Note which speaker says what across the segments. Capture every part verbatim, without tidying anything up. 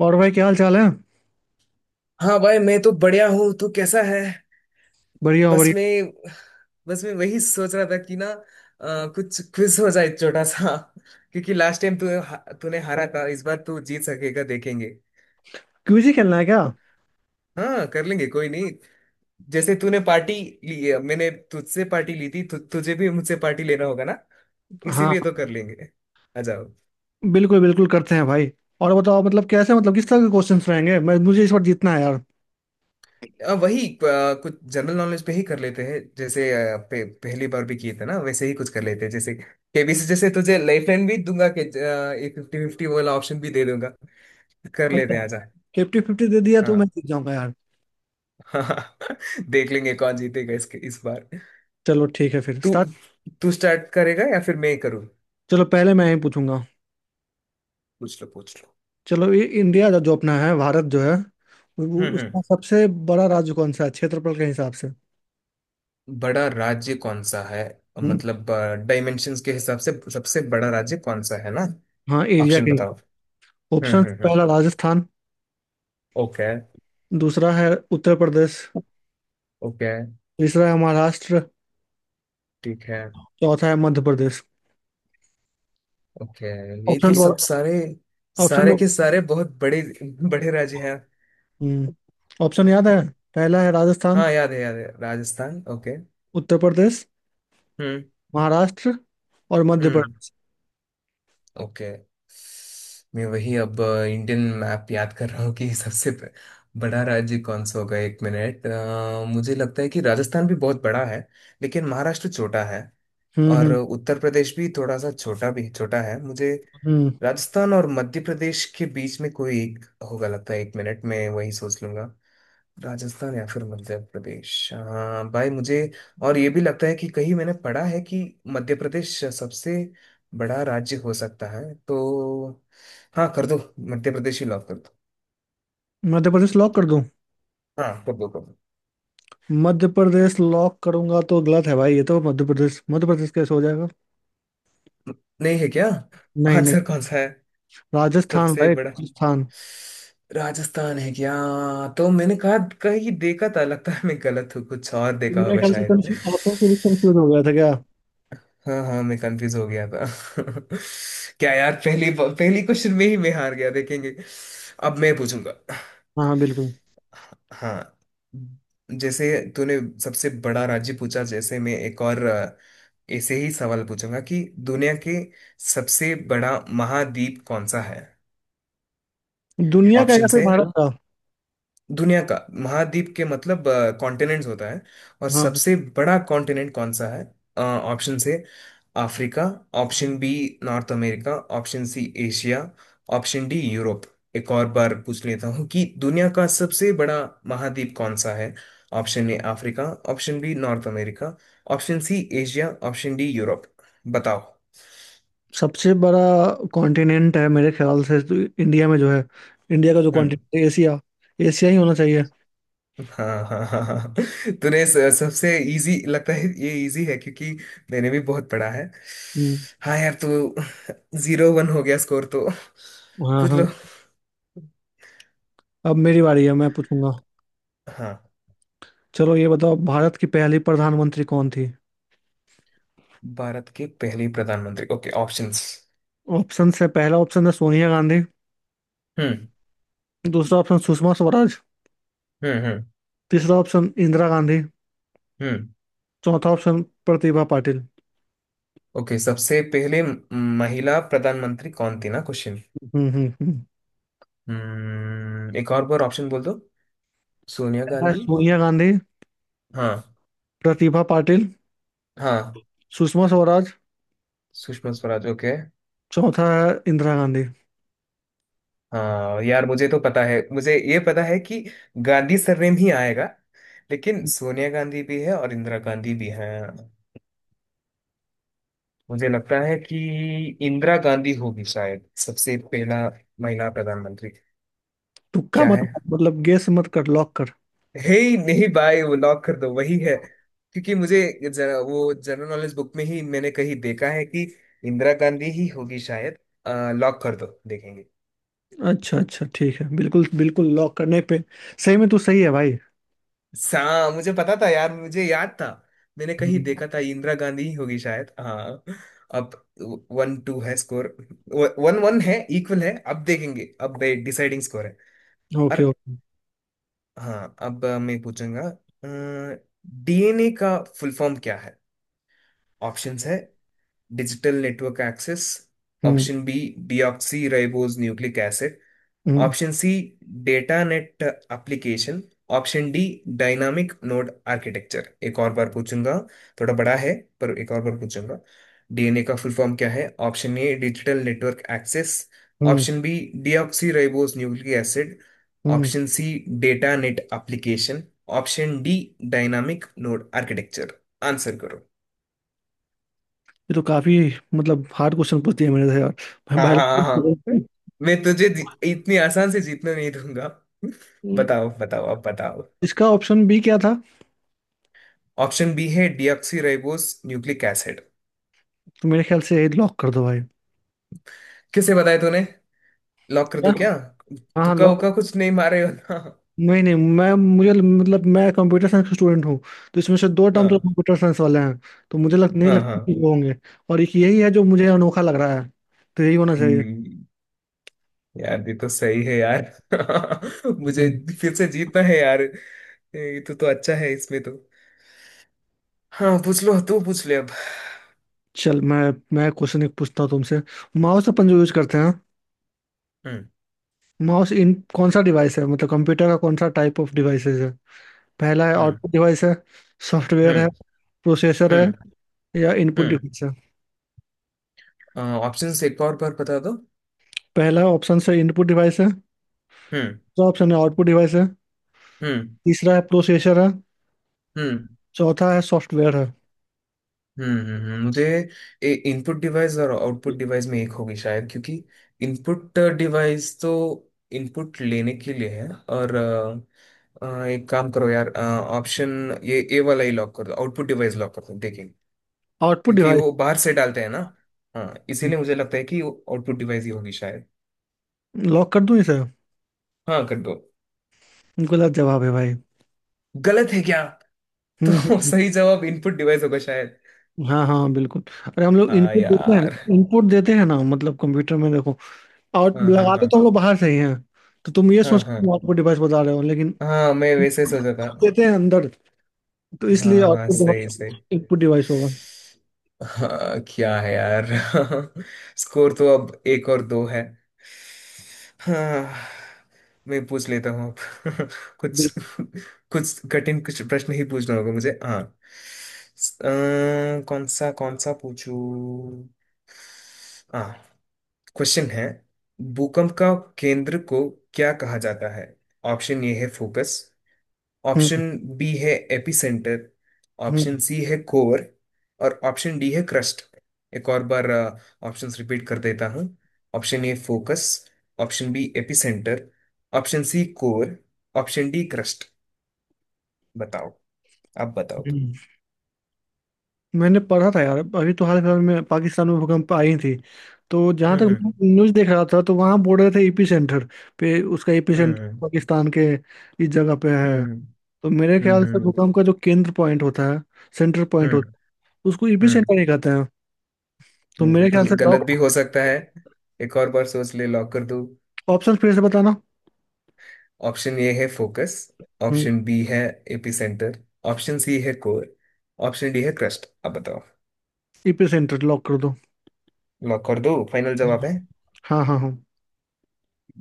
Speaker 1: और भाई क्या हाल चाल है।
Speaker 2: हाँ भाई, मैं तो बढ़िया हूँ। तू कैसा है?
Speaker 1: बढ़िया हो
Speaker 2: बस
Speaker 1: बढ़िया।
Speaker 2: मैं बस मैं वही सोच रहा था कि ना, अ, कुछ क्विज हो जाए छोटा सा। क्योंकि लास्ट टाइम तू तूने हारा था, इस बार तू जीत सकेगा, देखेंगे।
Speaker 1: क्विज खेलना है क्या?
Speaker 2: हाँ, कर लेंगे, कोई नहीं। जैसे तूने पार्टी ली है, मैंने तुझसे पार्टी ली थी। तु, तुझे भी मुझसे पार्टी लेना होगा ना।
Speaker 1: हाँ,
Speaker 2: इसीलिए तो कर लेंगे। आ जाओ।
Speaker 1: बिल्कुल बिल्कुल करते हैं भाई। और बताओ, मतलब कैसे, मतलब किस तरह के क्वेश्चंस रहेंगे। मैं मुझे इस बार जीतना है यार।
Speaker 2: अ, वही, अ, कुछ जनरल नॉलेज पे ही कर लेते हैं। जैसे अ, पे, पहली बार भी किए थे ना, वैसे ही कुछ कर लेते हैं। जैसे केबीसी, जैसे तुझे लाइफ लाइन भी दूंगा कि ये फिफ्टी फिफ्टी वाला ऑप्शन भी दे दूंगा। कर लेते
Speaker 1: अच्छा,
Speaker 2: हैं, आजा।
Speaker 1: फिफ्टी फिफ्टी दे दिया तो मैं
Speaker 2: हाँ
Speaker 1: जीत जाऊंगा यार।
Speaker 2: हाँ। देख लेंगे कौन जीतेगा इसके इस बार।
Speaker 1: चलो ठीक है, फिर
Speaker 2: तू
Speaker 1: स्टार्ट।
Speaker 2: तू स्टार्ट करेगा या फिर मैं ही करूँ?
Speaker 1: चलो पहले मैं ही पूछूंगा।
Speaker 2: पूछ लो, पूछ लो।
Speaker 1: चलो ये इंडिया जो जो अपना है, भारत जो है, वो
Speaker 2: हम्म, हम्म।
Speaker 1: उसका सबसे बड़ा राज्य कौन सा है क्षेत्रफल के हिसाब से?
Speaker 2: बड़ा राज्य कौन सा है?
Speaker 1: हम्म।
Speaker 2: मतलब, डायमेंशंस के हिसाब से सबसे बड़ा राज्य कौन सा है ना?
Speaker 1: हाँ, एरिया
Speaker 2: ऑप्शन
Speaker 1: के।
Speaker 2: बताओ। हम्म,
Speaker 1: ऑप्शन
Speaker 2: हम्म, हम्म।
Speaker 1: पहला राजस्थान।
Speaker 2: ओके।
Speaker 1: दूसरा है उत्तर प्रदेश।
Speaker 2: ओके,
Speaker 1: तीसरा है महाराष्ट्र।
Speaker 2: ठीक है।
Speaker 1: चौथा है मध्य प्रदेश।
Speaker 2: ओके। ये
Speaker 1: ऑप्शन।
Speaker 2: तो सब सारे,
Speaker 1: ऑप्शन।
Speaker 2: सारे के सारे बहुत बड़े बड़े राज्य हैं।
Speaker 1: हम्म। ऑप्शन याद है। पहला है राजस्थान।
Speaker 2: हाँ, याद है, याद है, राजस्थान, ओके।
Speaker 1: उत्तर प्रदेश।
Speaker 2: हम्म,
Speaker 1: महाराष्ट्र। और मध्य
Speaker 2: हम्म।
Speaker 1: प्रदेश।
Speaker 2: ओके। मैं वही अब इंडियन मैप याद कर रहा हूँ कि सबसे ब- बड़ा राज्य कौन सा होगा। एक मिनट, अ, मुझे लगता है कि राजस्थान भी बहुत बड़ा है, लेकिन महाराष्ट्र छोटा है।
Speaker 1: हम्म
Speaker 2: और
Speaker 1: हम्म
Speaker 2: उत्तर प्रदेश भी थोड़ा सा छोटा, भी छोटा है मुझे।
Speaker 1: हम्म।
Speaker 2: राजस्थान और मध्य प्रदेश के बीच में कोई एक होगा, लगता है। एक मिनट में वही सोच लूंगा। राजस्थान या फिर मध्य प्रदेश? हाँ भाई, मुझे और ये भी लगता है कि कहीं मैंने पढ़ा है कि मध्य प्रदेश सबसे बड़ा राज्य हो सकता है, तो हाँ, कर दो। मध्य प्रदेश ही लॉक कर दो।
Speaker 1: मध्य प्रदेश लॉक कर दूं?
Speaker 2: हाँ, कर दो, कर दो।
Speaker 1: मध्य प्रदेश लॉक करूंगा तो गलत है भाई। ये तो मध्य प्रदेश, मध्य प्रदेश कैसे हो जाएगा?
Speaker 2: नहीं है क्या?
Speaker 1: नहीं नहीं।
Speaker 2: आंसर कौन सा है?
Speaker 1: राजस्थान
Speaker 2: सबसे
Speaker 1: भाई,
Speaker 2: बड़ा
Speaker 1: राजस्थान।
Speaker 2: राजस्थान है क्या? तो मैंने कहा कहीं देखा था, लगता है मैं गलत हूँ, कुछ और देखा
Speaker 1: दुनिया
Speaker 2: होगा
Speaker 1: ख्याल से
Speaker 2: शायद।
Speaker 1: कंफ्यूज, ऑप्शन से भी कंफ्यूज हो गया था क्या?
Speaker 2: हाँ हाँ, मैं कंफ्यूज हो गया था। क्या यार, पहली पहली क्वेश्चन में ही मैं हार गया, देखेंगे। अब मैं पूछूंगा।
Speaker 1: हाँ हाँ, बिल्कुल।
Speaker 2: हाँ। जैसे तूने सबसे बड़ा राज्य पूछा, जैसे मैं एक और, अ, ऐसे ही सवाल पूछूंगा कि दुनिया के सबसे बड़ा महाद्वीप कौन सा है?
Speaker 1: दुनिया का या
Speaker 2: ऑप्शन
Speaker 1: फिर
Speaker 2: है।
Speaker 1: भारत का?
Speaker 2: दुनिया का महाद्वीप के मतलब कॉन्टिनेंट्स होता है, और
Speaker 1: हाँ हाँ।
Speaker 2: सबसे बड़ा कॉन्टिनेंट कौन सा है? ऑप्शन से Africa. Option B North America. Option C Asia. Option D Europe. एक और बार पूछ लेता हूँ कि दुनिया का सबसे बड़ा महाद्वीप कौन सा है? Option A Africa. Option B North America. Option C Asia. Option D Europe. बताओ।
Speaker 1: सबसे बड़ा कॉन्टिनेंट है मेरे ख्याल से तो, इंडिया में जो है, इंडिया का जो
Speaker 2: हम्म।
Speaker 1: कॉन्टिनेंट है, एशिया। एशिया ही होना चाहिए।
Speaker 2: हाँ हाँ हाँ हाँ। तूने स- सबसे, इजी लगता है ये, इजी है, क्योंकि मैंने भी बहुत पढ़ा है।
Speaker 1: हम्म।
Speaker 2: हाँ यार, तू जीरो वन हो गया स्कोर तो।
Speaker 1: हाँ
Speaker 2: पूछ
Speaker 1: हाँ,
Speaker 2: लो।
Speaker 1: अब मेरी बारी है, मैं पूछूंगा।
Speaker 2: हाँ,
Speaker 1: चलो ये बताओ, भारत की पहली प्रधानमंत्री कौन थी?
Speaker 2: भारत के पहले प्रधानमंत्री, ओके, ऑप्शंस।
Speaker 1: ऑप्शन है, पहला ऑप्शन है सोनिया गांधी।
Speaker 2: हम्म,
Speaker 1: दूसरा ऑप्शन सुषमा स्वराज।
Speaker 2: हम्म, हम्म,
Speaker 1: तीसरा ऑप्शन इंदिरा गांधी।
Speaker 2: हम्म।
Speaker 1: चौथा ऑप्शन प्रतिभा पाटिल।
Speaker 2: ओके, सबसे पहले म- महिला प्रधानमंत्री कौन थी ना, क्वेश्चन।
Speaker 1: हम्म हम्म हम्म।
Speaker 2: हम्म, एक और बार ऑप्शन बोल दो। सोनिया
Speaker 1: पहला है
Speaker 2: गांधी।
Speaker 1: सोनिया गांधी।
Speaker 2: हाँ।
Speaker 1: प्रतिभा पाटिल।
Speaker 2: हाँ।
Speaker 1: सुषमा स्वराज।
Speaker 2: सुषमा स्वराज, ओके।
Speaker 1: चौथा है इंदिरा गांधी।
Speaker 2: हाँ यार, मुझे तो पता है, मुझे ये पता है कि गांधी सरनेम ही आएगा। लेकिन सोनिया गांधी भी है और इंदिरा गांधी भी है। मुझे लगता है कि इंदिरा गांधी होगी शायद सबसे पहला महिला प्रधानमंत्री।
Speaker 1: तुक्का
Speaker 2: क्या
Speaker 1: मत।
Speaker 2: है?
Speaker 1: मतलब गेस मत कर, लॉक कर।
Speaker 2: हे, नहीं भाई, वो लॉक कर दो, वही है। क्योंकि मुझे जरा वो जनरल नॉलेज बुक में ही मैंने कहीं देखा है कि इंदिरा गांधी ही होगी शायद। लॉक कर दो, देखेंगे।
Speaker 1: अच्छा अच्छा, ठीक है, बिल्कुल बिल्कुल लॉक करने पे। सही में तू सही है भाई।
Speaker 2: सा मुझे पता था यार, मुझे याद था। मैंने कहीं देखा था इंदिरा गांधी ही होगी शायद। हाँ। अब वन टू है स्कोर। वन वन है, इक्वल है। अब देखेंगे, अब डिसाइडिंग स्कोर है।
Speaker 1: ओके
Speaker 2: और
Speaker 1: ओके।
Speaker 2: हाँ, अब मैं पूछूंगा। डीएनए का फुल फॉर्म क्या है? ऑप्शंस है digital network access.
Speaker 1: Hmm
Speaker 2: option B deoxyribose nucleic.
Speaker 1: Hmm
Speaker 2: option C data net application. Option D dynamic node architecture. एक और बार पूछूंगा, थोड़ा बड़ा है पर। एक और बार पूछूंगा। डीएनए का फुल फॉर्म क्या है? Option A digital network access.
Speaker 1: Hmm.
Speaker 2: Option B deoxyribose nucleic acid.
Speaker 1: Hmm.
Speaker 2: Option C data net application. Option D dynamic node architecture. Answer करो।
Speaker 1: ये तो काफी, मतलब हार्ड क्वेश्चन पूछ दिया मेरे से यार। मैं
Speaker 2: हाँ हाँ हाँ हाँ।
Speaker 1: बायोलॉजी।
Speaker 2: मैं तुझे इतनी आसान से जीतने नहीं दूंगा।
Speaker 1: हम्म।
Speaker 2: बताओ, बताओ, अब बताओ।
Speaker 1: इसका ऑप्शन बी क्या था?
Speaker 2: ऑप्शन बी है डीऑक्सीराइबोस न्यूक्लिक एसिड।
Speaker 1: तो मेरे ख्याल से लॉक कर दो भाई।
Speaker 2: किसे बताया तूने? लॉक कर
Speaker 1: क्या?
Speaker 2: दूं क्या?
Speaker 1: हाँ,
Speaker 2: तुक्का
Speaker 1: लॉक।
Speaker 2: उक्का कुछ नहीं मारे हो ना?
Speaker 1: नहीं नहीं, मैं मुझे मतलब, मैं कंप्यूटर साइंस का स्टूडेंट हूँ। तो इसमें से दो टर्म तो
Speaker 2: हाँ
Speaker 1: कंप्यूटर साइंस वाले हैं। तो मुझे लग नहीं
Speaker 2: हाँ
Speaker 1: लगता कि
Speaker 2: हाँ।
Speaker 1: वो होंगे। और एक यही है जो मुझे अनोखा लग रहा है। तो यही होना चाहिए।
Speaker 2: हम्म, यार ये तो सही है यार। मुझे
Speaker 1: हम्म।
Speaker 2: फिर से जीतना है यार। ये तो तो अच्छा है इसमें तो। हाँ, पूछ लो, तू पूछ ले अब।
Speaker 1: चल मैं मैं क्वेश्चन एक पूछता हूँ तुमसे। माउस अपन जो यूज करते हैं,
Speaker 2: हम्म,
Speaker 1: माउस इन कौन सा डिवाइस है, मतलब कंप्यूटर का कौन सा टाइप ऑफ डिवाइसेस? पहला है
Speaker 2: हम्म,
Speaker 1: आउटपुट डिवाइस है। सॉफ्टवेयर है।
Speaker 2: हम्म,
Speaker 1: प्रोसेसर है।
Speaker 2: हम्म,
Speaker 1: या इनपुट डिवाइस है।
Speaker 2: हम्म। ऑप्शंस एक और बार बता दो।
Speaker 1: पहला ऑप्शन से इनपुट डिवाइस है।
Speaker 2: हम्म,
Speaker 1: दूसरा ऑप्शन है आउटपुट डिवाइस है।
Speaker 2: हम्म,
Speaker 1: तीसरा है प्रोसेसर है।
Speaker 2: हम्म,
Speaker 1: चौथा है सॉफ्टवेयर है।
Speaker 2: हम्म, हम्म, हम्म। मुझे इनपुट डिवाइस और आउटपुट डिवाइस में एक होगी शायद, क्योंकि इनपुट डिवाइस तो इनपुट लेने के लिए है। और अ, अ, एक काम करो यार, ऑप्शन ये ए वाला ही लॉक कर दो, आउटपुट डिवाइस लॉक कर दो, देखें।
Speaker 1: आउटपुट
Speaker 2: क्योंकि
Speaker 1: डिवाइस
Speaker 2: वो बाहर से डालते हैं ना। हाँ, इसीलिए मुझे लगता है कि आउटपुट डिवाइस ही होगी शायद।
Speaker 1: लॉक कर दूं इसे?
Speaker 2: हाँ, कर दो।
Speaker 1: गलत जवाब है भाई।
Speaker 2: गलत है क्या?
Speaker 1: हम्म हम्म,
Speaker 2: तो
Speaker 1: हम्म।
Speaker 2: सही जवाब इनपुट डिवाइस होगा शायद।
Speaker 1: हाँ हाँ बिल्कुल, अरे हम लोग
Speaker 2: हाँ
Speaker 1: इनपुट देते हैं।
Speaker 2: यार।
Speaker 1: इनपुट देते हैं ना, मतलब कंप्यूटर में देखो, आउट
Speaker 2: हाँ हाँ
Speaker 1: लगाते
Speaker 2: हाँ,
Speaker 1: तो हम लोग बाहर से ही हैं। तो तुम ये
Speaker 2: हाँ
Speaker 1: सोच
Speaker 2: हाँ
Speaker 1: के आउटपुट डिवाइस बता रहे हो, लेकिन
Speaker 2: हाँ, मैं वैसे सोचा था।
Speaker 1: देते हैं अंदर। तो
Speaker 2: हाँ
Speaker 1: इसलिए
Speaker 2: हाँ,
Speaker 1: आउटपुट डिवाइस,
Speaker 2: सही सही।
Speaker 1: इनपुट डिवाइस होगा।
Speaker 2: हाँ, क्या है यार। स्कोर तो अब एक और दो है। हाँ, मैं पूछ लेता हूँ अब। कुछ,
Speaker 1: बिल्कुल।
Speaker 2: कुछ कठिन कुछ प्रश्न ही पूछना होगा मुझे। हाँ, स- अ, कौन सा, कौन सा पूछूं? हाँ, क्वेश्चन है। भूकंप का केंद्र को क्या कहा जाता है? ऑप्शन ए है फोकस।
Speaker 1: हम्म
Speaker 2: ऑप्शन बी है एपिसेंटर।
Speaker 1: हम्म।
Speaker 2: ऑप्शन सी है कोर। और ऑप्शन डी है क्रस्ट। एक और बार ऑप्शंस रिपीट कर देता हूँ। Option A focus. Option B epicentre. Option C core. Option D crust. बताओ। आप बताओ।
Speaker 1: हम्म। मैंने पढ़ा था यार, अभी तो हाल फिलहाल में पाकिस्तान में भूकंप आई थी। तो जहां तक मैं
Speaker 2: हम्म,
Speaker 1: न्यूज देख रहा था, तो वहां बोल रहे थे एपी सेंटर पे, उसका एपी सेंटर
Speaker 2: हम्म,
Speaker 1: पाकिस्तान के इस जगह पे है।
Speaker 2: हम्म,
Speaker 1: तो मेरे
Speaker 2: हम्म,
Speaker 1: ख्याल से
Speaker 2: हम्म, हम्म,
Speaker 1: भूकंप का जो केंद्र पॉइंट होता है, सेंटर पॉइंट होता
Speaker 2: हम्म,
Speaker 1: है, उसको एपी
Speaker 2: हम्म,
Speaker 1: सेंटर ही कहते हैं। तो
Speaker 2: हम्म।
Speaker 1: मेरे
Speaker 2: तो
Speaker 1: ख्याल से
Speaker 2: गलत
Speaker 1: लॉक।
Speaker 2: भी हो सकता है, एक और बार सोच ले, लॉक कर दो।
Speaker 1: ऑप्शन फिर से बताना।
Speaker 2: ऑप्शन ए है फोकस। ऑप्शन बी है एपिसेंटर। ऑप्शन सी है कोर। ऑप्शन डी है क्रस्ट। अब बताओ।
Speaker 1: एपी सेंटर लॉक कर दो।
Speaker 2: लॉक कर दो, फाइनल जवाब है।
Speaker 1: हाँ हाँ हाँ।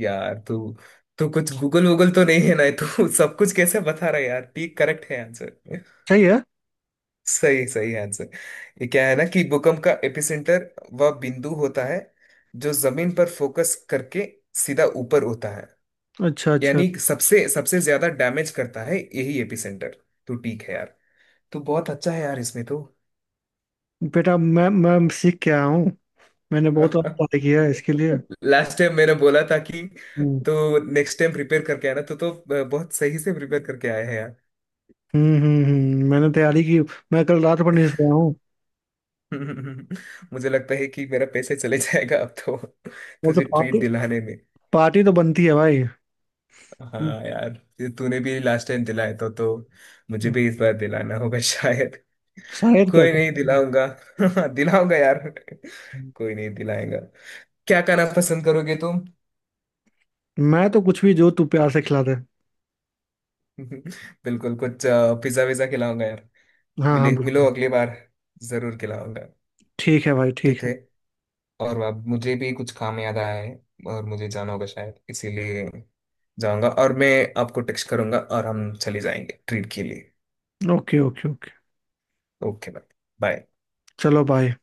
Speaker 2: यार, तू तू कुछ गूगल वूगल तो नहीं है ना, तू सब कुछ कैसे बता रहा है यार? ठीक, करेक्ट है आंसर,
Speaker 1: सही है।
Speaker 2: सही सही आंसर। ये क्या है ना कि भूकंप का एपिसेंटर वह बिंदु होता है जो जमीन पर फोकस करके सीधा ऊपर होता है,
Speaker 1: अच्छा अच्छा।
Speaker 2: यानी सबसे सबसे ज्यादा डैमेज करता है यही एपिसेंटर। तो ठीक है यार, तू बहुत अच्छा है यार इसमें तो।
Speaker 1: बेटा मैं मैं सीख के आया हूँ। मैंने बहुत पढ़ाई किया है इसके लिए।
Speaker 2: लास्ट टाइम मैंने बोला था कि
Speaker 1: हम्म।
Speaker 2: तो नेक्स्ट टाइम प्रिपेयर करके आना, तो तो बहुत सही से प्रिपेयर करके आए हैं यार।
Speaker 1: हम्म हम्म हम्म, मैंने तैयारी की। मैं कल रात पर नहीं सोया हूँ।
Speaker 2: मुझे लगता है कि मेरा पैसे चले जाएगा अब तो।
Speaker 1: और तो
Speaker 2: तुझे ट्रीट
Speaker 1: पार्टी,
Speaker 2: दिलाने में।
Speaker 1: पार्टी तो बनती है भाई। हम्म।
Speaker 2: हाँ यार, ये तूने भी लास्ट टाइम दिलाया था, तो मुझे भी इस बार दिलाना होगा शायद।
Speaker 1: शायद क्या?
Speaker 2: कोई नहीं, दिलाऊंगा। दिलाऊंगा यार, कोई नहीं दिलाएगा। क्या खाना पसंद करोगे तुम?
Speaker 1: मैं तो कुछ भी जो तू प्यार से खिला दे।
Speaker 2: बिल्कुल, कुछ पिज्जा विज्जा खिलाऊंगा।
Speaker 1: हाँ हाँ
Speaker 2: मिले मिलो
Speaker 1: बिल्कुल।
Speaker 2: अगली बार, जरूर खिलाऊंगा।
Speaker 1: ठीक है भाई, ठीक
Speaker 2: ठीक
Speaker 1: है।
Speaker 2: है। और अब मुझे भी कुछ काम याद आया है, और मुझे जाना होगा शायद, इसीलिए जाऊंगा। और मैं आपको टेक्स्ट करूंगा, और हम चले जाएंगे ट्रीट के लिए।
Speaker 1: Okay okay okay.
Speaker 2: Okay, bye. Bye.
Speaker 1: चलो, बाय।